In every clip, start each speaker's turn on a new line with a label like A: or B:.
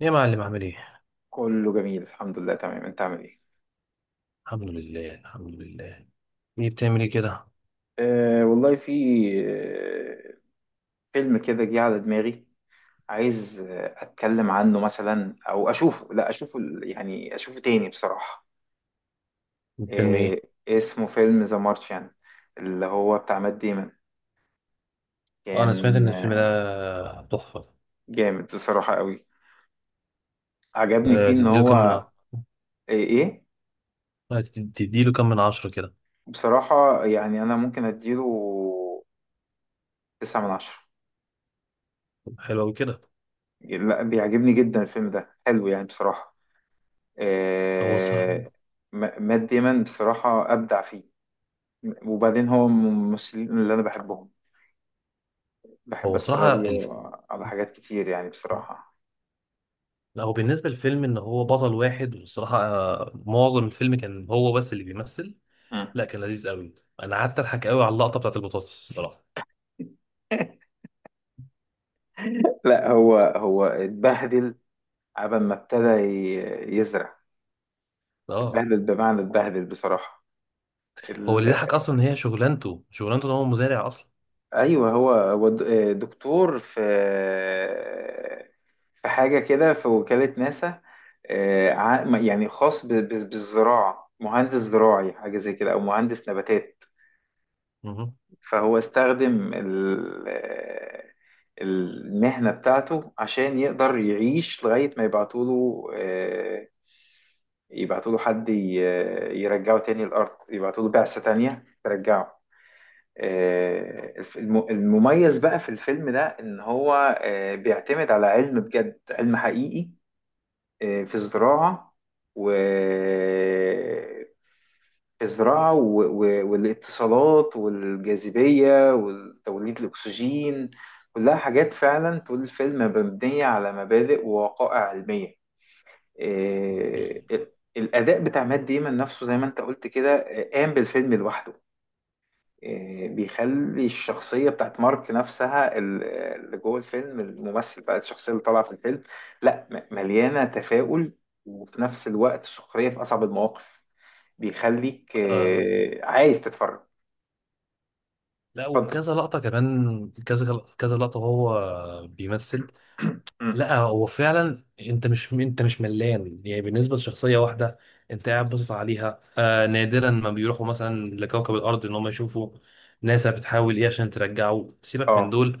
A: يا معلم، عامل ايه؟
B: كله جميل، الحمد لله. تمام، انت عامل ايه؟
A: الحمد لله، الحمد لله. ايه بتعمل ايه كده؟
B: والله، في آه، فيلم كده جه على دماغي. عايز اتكلم عنه مثلا او اشوفه، لا اشوفه يعني اشوفه تاني بصراحة.
A: الفيلم ايه؟
B: أه اسمه فيلم ذا مارشيان، اللي هو بتاع مات ديمون.
A: اه، انا سمعت
B: كان
A: ان الفيلم ده تحفة.
B: جامد بصراحة قوي. عجبني فيه
A: ده
B: ان
A: تديله كام من
B: هو ايه ايه.
A: 10 كده؟
B: بصراحة يعني انا ممكن اديله تسعة من عشرة.
A: حلو اوي كده.
B: لا، بيعجبني جدا الفيلم ده، حلو يعني بصراحة.
A: هو صراحة
B: آه، مات ديمون بصراحة أبدع فيه. وبعدين هو من الممثلين اللي أنا بحبهم، بحب
A: هو
B: أتفرج
A: صراحة الف...
B: له على حاجات كتير يعني بصراحة.
A: لا هو بالنسبة للفيلم ان هو بطل واحد، والصراحة معظم الفيلم كان هو بس اللي بيمثل.
B: مم.
A: لا، كان لذيذ قوي. انا قعدت اضحك قوي على اللقطة بتاعت البطاطس الصراحة.
B: لا، هو اتبهدل عبال ما ابتدى يزرع.
A: اه،
B: اتبهدل بمعنى اتبهدل بصراحة.
A: هو اللي
B: ال-
A: ضحك اصلا ان هي شغلانته شغلانته ان هو مزارع اصلا.
B: ايوه، هو دكتور في حاجه كده، في وكاله ناسا. يعني خاص بالزراعه، مهندس زراعي حاجه زي كده او مهندس نباتات.
A: مهم.
B: فهو استخدم المهنه بتاعته عشان يقدر يعيش لغايه ما يبعتوا له يبعتوا له حد يرجعه تاني الارض، يبعتوا له بعثه تانيه ترجعه. المميز بقى في الفيلم ده ان هو بيعتمد على علم بجد، علم حقيقي في الزراعة و والاتصالات والجاذبية وتوليد الأكسجين. كلها حاجات فعلا طول الفيلم مبنية على مبادئ ووقائع علمية.
A: ده حقيقي.
B: الأداء بتاع مات ديمون نفسه، زي ما أنت قلت كده، قام بالفيلم لوحده. بيخلي الشخصية بتاعت مارك نفسها، اللي جوه الفيلم، الممثل بقى، الشخصية اللي طالعة في الفيلم، لا، مليانة تفاؤل وفي نفس الوقت سخرية في أصعب المواقف. بيخليك
A: آه،
B: عايز تتفرج.
A: لا،
B: اتفضل.
A: وكذا لقطة كمان، كذا كذا لقطة وهو بيمثل.
B: مم.
A: لا هو فعلا، انت مش ملان يعني بالنسبة لشخصية واحدة. انت قاعد باصص عليها، آه نادرا ما بيروحوا مثلا لكوكب الأرض ان هم يشوفوا ناسا بتحاول ايه عشان ترجعه، سيبك من
B: اه،
A: دول.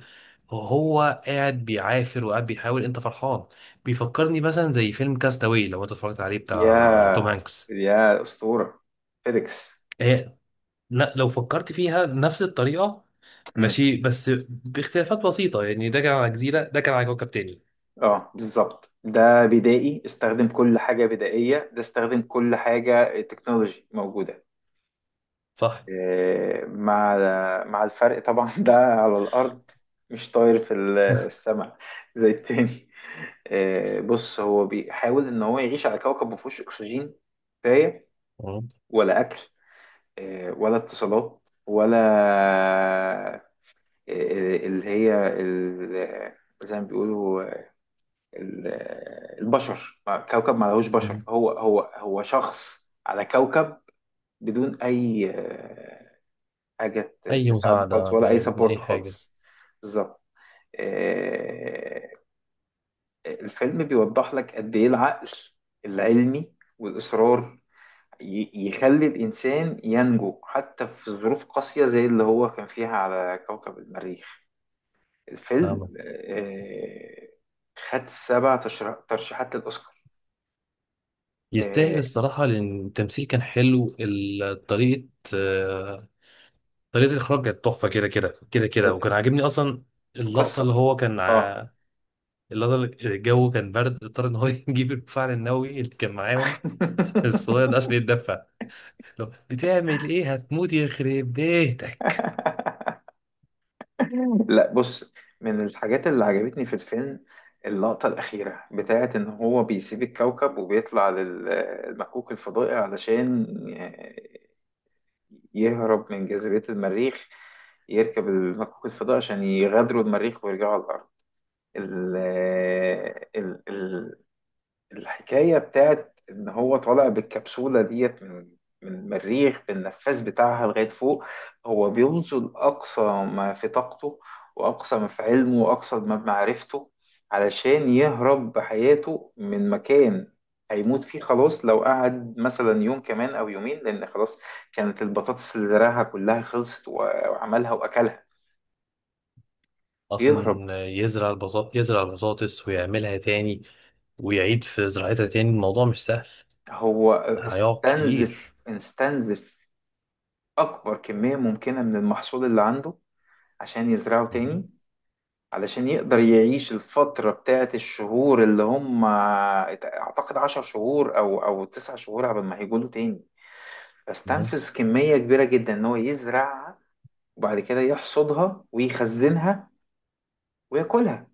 A: هو قاعد بيعافر وقاعد بيحاول، انت فرحان. بيفكرني مثلا زي فيلم كاستاوي لو انت اتفرجت عليه، بتاع توم
B: يا
A: هانكس.
B: يا أسطورة، فيديكس.
A: آه، لا، لو فكرت فيها نفس الطريقة،
B: مم.
A: ماشي، بس باختلافات بسيطة، يعني ده كان على جزيرة، ده كان على كوكب تاني.
B: اه بالظبط، ده بدائي استخدم كل حاجة بدائية، ده استخدم كل حاجة تكنولوجي موجودة.
A: صح.
B: مع الفرق طبعا. ده على الأرض، مش طاير في السماء زي التاني. بص، هو بيحاول إن هو يعيش على كوكب مفهوش أكسجين كفاية،
A: مم.
B: ولا أكل ولا اتصالات، ولا اللي هي زي ما بيقولوا ال- البشر، كوكب ما لهوش بشر،
A: مم.
B: هو شخص على كوكب بدون أي حاجة
A: أي
B: تساعده خالص،
A: مساعدة،
B: ولا أي سبورت
A: أي حاجة.
B: خالص. بالظبط. آه، الفيلم بيوضح لك قد إيه العقل العلمي والإصرار يخلي الإنسان ينجو حتى في ظروف قاسية زي اللي هو كان فيها على كوكب المريخ. الفيلم
A: فاهمة.
B: خد سبع ترشيحات للأوسكار.
A: يستاهل
B: آه،
A: الصراحة، لأن التمثيل كان حلو، طريقة، آه، طريقة الإخراج كانت تحفة كده كده كده كده، وكان عاجبني أصلا اللقطة
B: القصة.
A: اللي هو كان
B: آه
A: ع- اللقطة اللي الجو كان برد، اضطر إن هو يجيب الفعل النووي اللي كان معاهم الصغير ده عشان يتدفى. لو بتعمل ايه، هتموت يخرب بيتك.
B: لا بص، من الحاجات اللي عجبتني في الفيلم اللقطة الأخيرة بتاعة إن هو بيسيب الكوكب وبيطلع للمكوك الفضائي علشان يهرب من جاذبية المريخ، يركب المكوك الفضائي عشان يغادروا المريخ ويرجعوا على الأرض. ال- ال- الحكاية بتاعت إن هو طالع بالكبسولة ديت من المريخ بالنفاث بتاعها لغاية فوق. هو بيبذل أقصى ما في طاقته وأقصى ما في علمه وأقصى ما بمعرفته علشان يهرب بحياته من مكان هيموت فيه خلاص، لو قعد مثلا يوم كمان أو يومين، لأن خلاص كانت البطاطس اللي زرعها كلها خلصت وعملها وأكلها. بيهرب.
A: اصلا يزرع يزرع البطاطس ويعملها تاني، ويعيد في زراعتها تاني، الموضوع مش سهل.
B: هو
A: هيقعد
B: استنزف
A: كتير.
B: أكبر كمية ممكنة من المحصول اللي عنده عشان يزرعوا
A: مهم.
B: تاني. علشان يقدر يعيش الفترة بتاعت الشهور، اللي هم أعتقد 10 شهور أو 9 شهور قبل ما هيجوا له تاني.
A: مهم.
B: فاستنفذ كمية كبيرة جدا إن هو يزرعها، وبعد كده يحصدها ويخزنها وياكلها،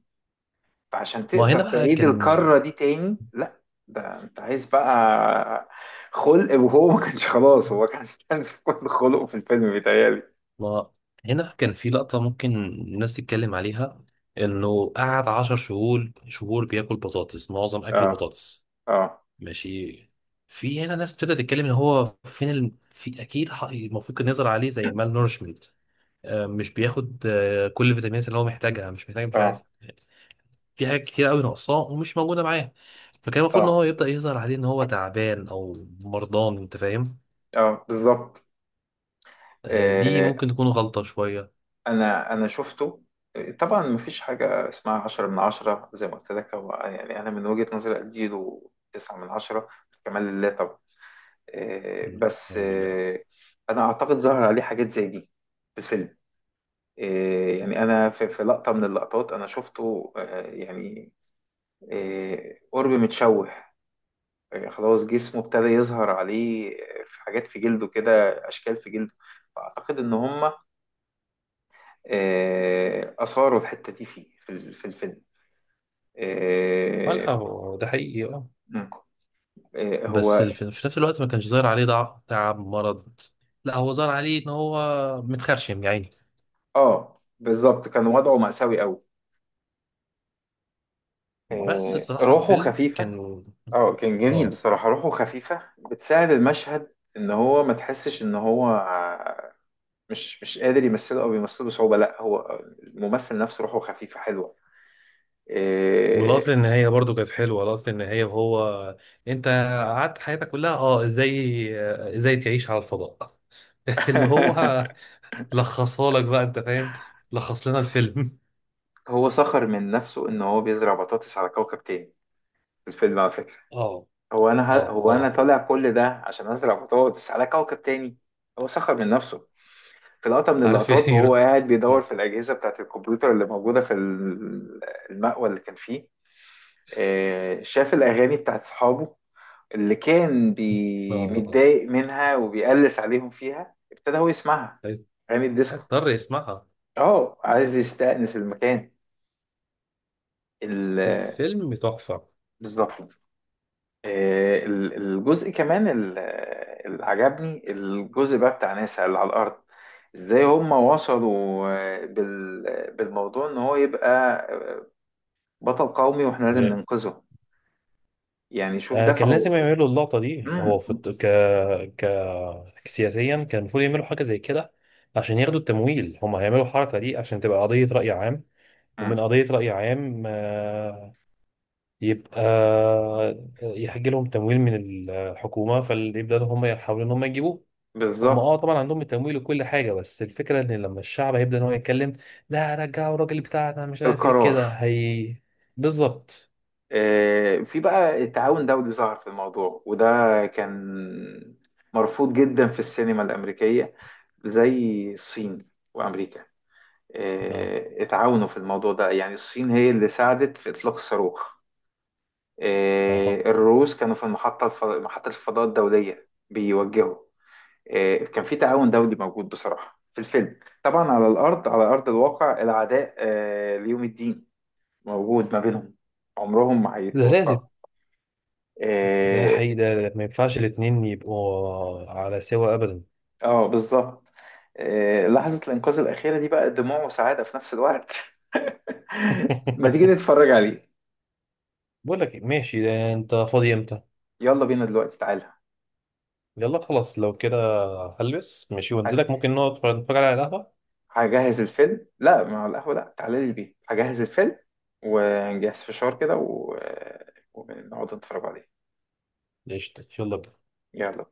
B: فعشان
A: ما
B: تقدر
A: هنا بقى
B: تعيد
A: كان
B: الكرة دي تاني لا، ده أنت عايز بقى خلق، وهو ما كانش خلاص، هو كان استنزف كل خلقه في الفيلم بيتهيألي.
A: ما هنا بقى كان في لقطة ممكن الناس تتكلم عليها، انه قعد عشر شهور بياكل بطاطس، معظم اكله
B: اه،
A: بطاطس.
B: اه،
A: ماشي. في هنا ناس بتبدأ تتكلم ان هو فين ال... في اكيد ح- المفروض كان يزرع عليه زي مال نورشمنت، مش بياخد كل الفيتامينات اللي هو محتاجها، مش محتاج مش
B: اه،
A: عارف، في حاجات كتير قوي ناقصاه ومش موجوده معاه، فكان المفروض ان
B: اه،
A: هو يبدا يظهر عليه ان هو تعبان او مرضان، انت فاهم.
B: اه بالظبط.
A: دي
B: آه،
A: ممكن تكون غلطه شويه.
B: انا شفته. طبعا مفيش حاجة اسمها عشرة من عشرة زي ما قلت لك، هو يعني أنا من وجهة نظري أديله تسعة من عشرة، كمال لله طبعا. بس
A: اعوذ بالله.
B: أنا أعتقد ظهر عليه حاجات زي دي في الفيلم. يعني أنا في لقطة من اللقطات أنا شفته يعني قرب متشوه، خلاص جسمه ابتدى يظهر عليه في حاجات في جلده كده، أشكال في جلده. فأعتقد إن هما أثاروا الحتة دي فيه في الفيلم.
A: اه،
B: آه،
A: لا هو ده حقيقي، اه،
B: مم.
A: بس
B: هو.
A: في نفس الوقت ما كانش ظاهر عليه ضعف، تعب، مرض. لا هو ظهر عليه ان هو متخرشم يعني.
B: اه بالظبط، كان وضعه مأساوي قوي.
A: بس الصراحه
B: روحه
A: الفيلم
B: خفيفة،
A: كان،
B: اه كان جميل
A: اه،
B: بصراحة، روحه خفيفة بتساعد المشهد ان هو ما تحسش ان هو مش قادر يمثله او بيمثله بصعوبة، لا، هو الممثل نفسه روحه خفيفة حلوة. آه،
A: واللقطة النهاية برضو كانت حلوة، لقطة النهاية وهو، انت قعدت حياتك كلها، اه، ازاي تعيش على الفضاء، اللي هو لخصها لك بقى انت فاهم، لخص لنا الفيلم.
B: هو سخر من نفسه ان هو بيزرع بطاطس على كوكب تاني في الفيلم، على فكرة.
A: اه. اه.
B: هو انا
A: اه،
B: طالع كل ده عشان ازرع بطاطس على كوكب تاني. هو سخر من نفسه في لقطة من
A: عارف
B: اللقطات،
A: ايه.
B: وهو قاعد بيدور
A: اه.
B: في الأجهزة بتاعة الكمبيوتر اللي موجودة المأوى اللي كان فيه. شاف الأغاني بتاعة صحابه اللي كان
A: آه،
B: متضايق منها وبيقلس عليهم فيها، ابتدى هو يسمعها،
A: آه.
B: أغاني الديسكو.
A: هيضطر يسمعها.
B: اه، عايز يستأنس المكان. ال-
A: الفيلم تحفة.
B: بالظبط. الجزء كمان، اللي عجبني الجزء بقى بتاع ناسا اللي على الأرض، ازاي هم وصلوا بالموضوع ان هو يبقى بطل قومي واحنا لازم
A: يعني،
B: ننقذه. يعني شوف
A: كان
B: دفعه.
A: لازم يعملوا اللقطة دي، هو
B: مم.
A: في ك سياسيا كان المفروض يعملوا حاجة زي كده، عشان ياخدوا التمويل. هم هيعملوا الحركة دي عشان تبقى قضية رأي عام.
B: مم.
A: ومن قضية رأي عام، يبقى، يحج لهم تمويل من الحكومة، فيبدأوا هم يحاولوا إن هم يجيبوه. هم،
B: بالظبط.
A: اه، طبعا عندهم التمويل وكل حاجة، بس الفكرة إن لما الشعب هيبدأ إن هو يتكلم: لا، رجعوا الراجل بتاعنا، مش عارف إيه
B: القرار.
A: كده، هي. بالظبط.
B: في بقى التعاون دولي ظهر في الموضوع، وده كان مرفوض جدا في السينما الأمريكية، زي الصين وأمريكا
A: اه
B: اتعاونوا في الموضوع ده، يعني الصين هي اللي ساعدت في إطلاق الصاروخ.
A: اه،
B: الروس كانوا في المحطة محطة الفضاء الدولية بيوجهوا. كان في تعاون دولي موجود بصراحة في الفيلم، طبعا على الأرض، على أرض الواقع العداء ليوم الدين موجود ما بينهم، عمرهم ما
A: ده
B: هيتوفقوا.
A: لازم. ده
B: اه
A: حقيقي، ده ما ينفعش الاتنين يبقوا على سوا أبدا.
B: بالظبط. لحظة الإنقاذ الأخيرة دي بقى دموع وسعادة في نفس الوقت. ما تيجي نتفرج عليه؟
A: بقول لك إيه، ماشي، ده أنت فاضي إمتى؟
B: يلا بينا دلوقتي، تعالى.
A: يلا خلاص لو كده هلبس ماشي وانزلك،
B: ه-
A: ممكن نقعد نتفرج على القهوة.
B: هجهز الفيلم، لا مع القهوة، لا، تعالى لي البيت هجهز الفيلم، ونجهز فشار كده و... ونقعد نتفرج عليه.
A: قشطة، يلا بينا.
B: يلا.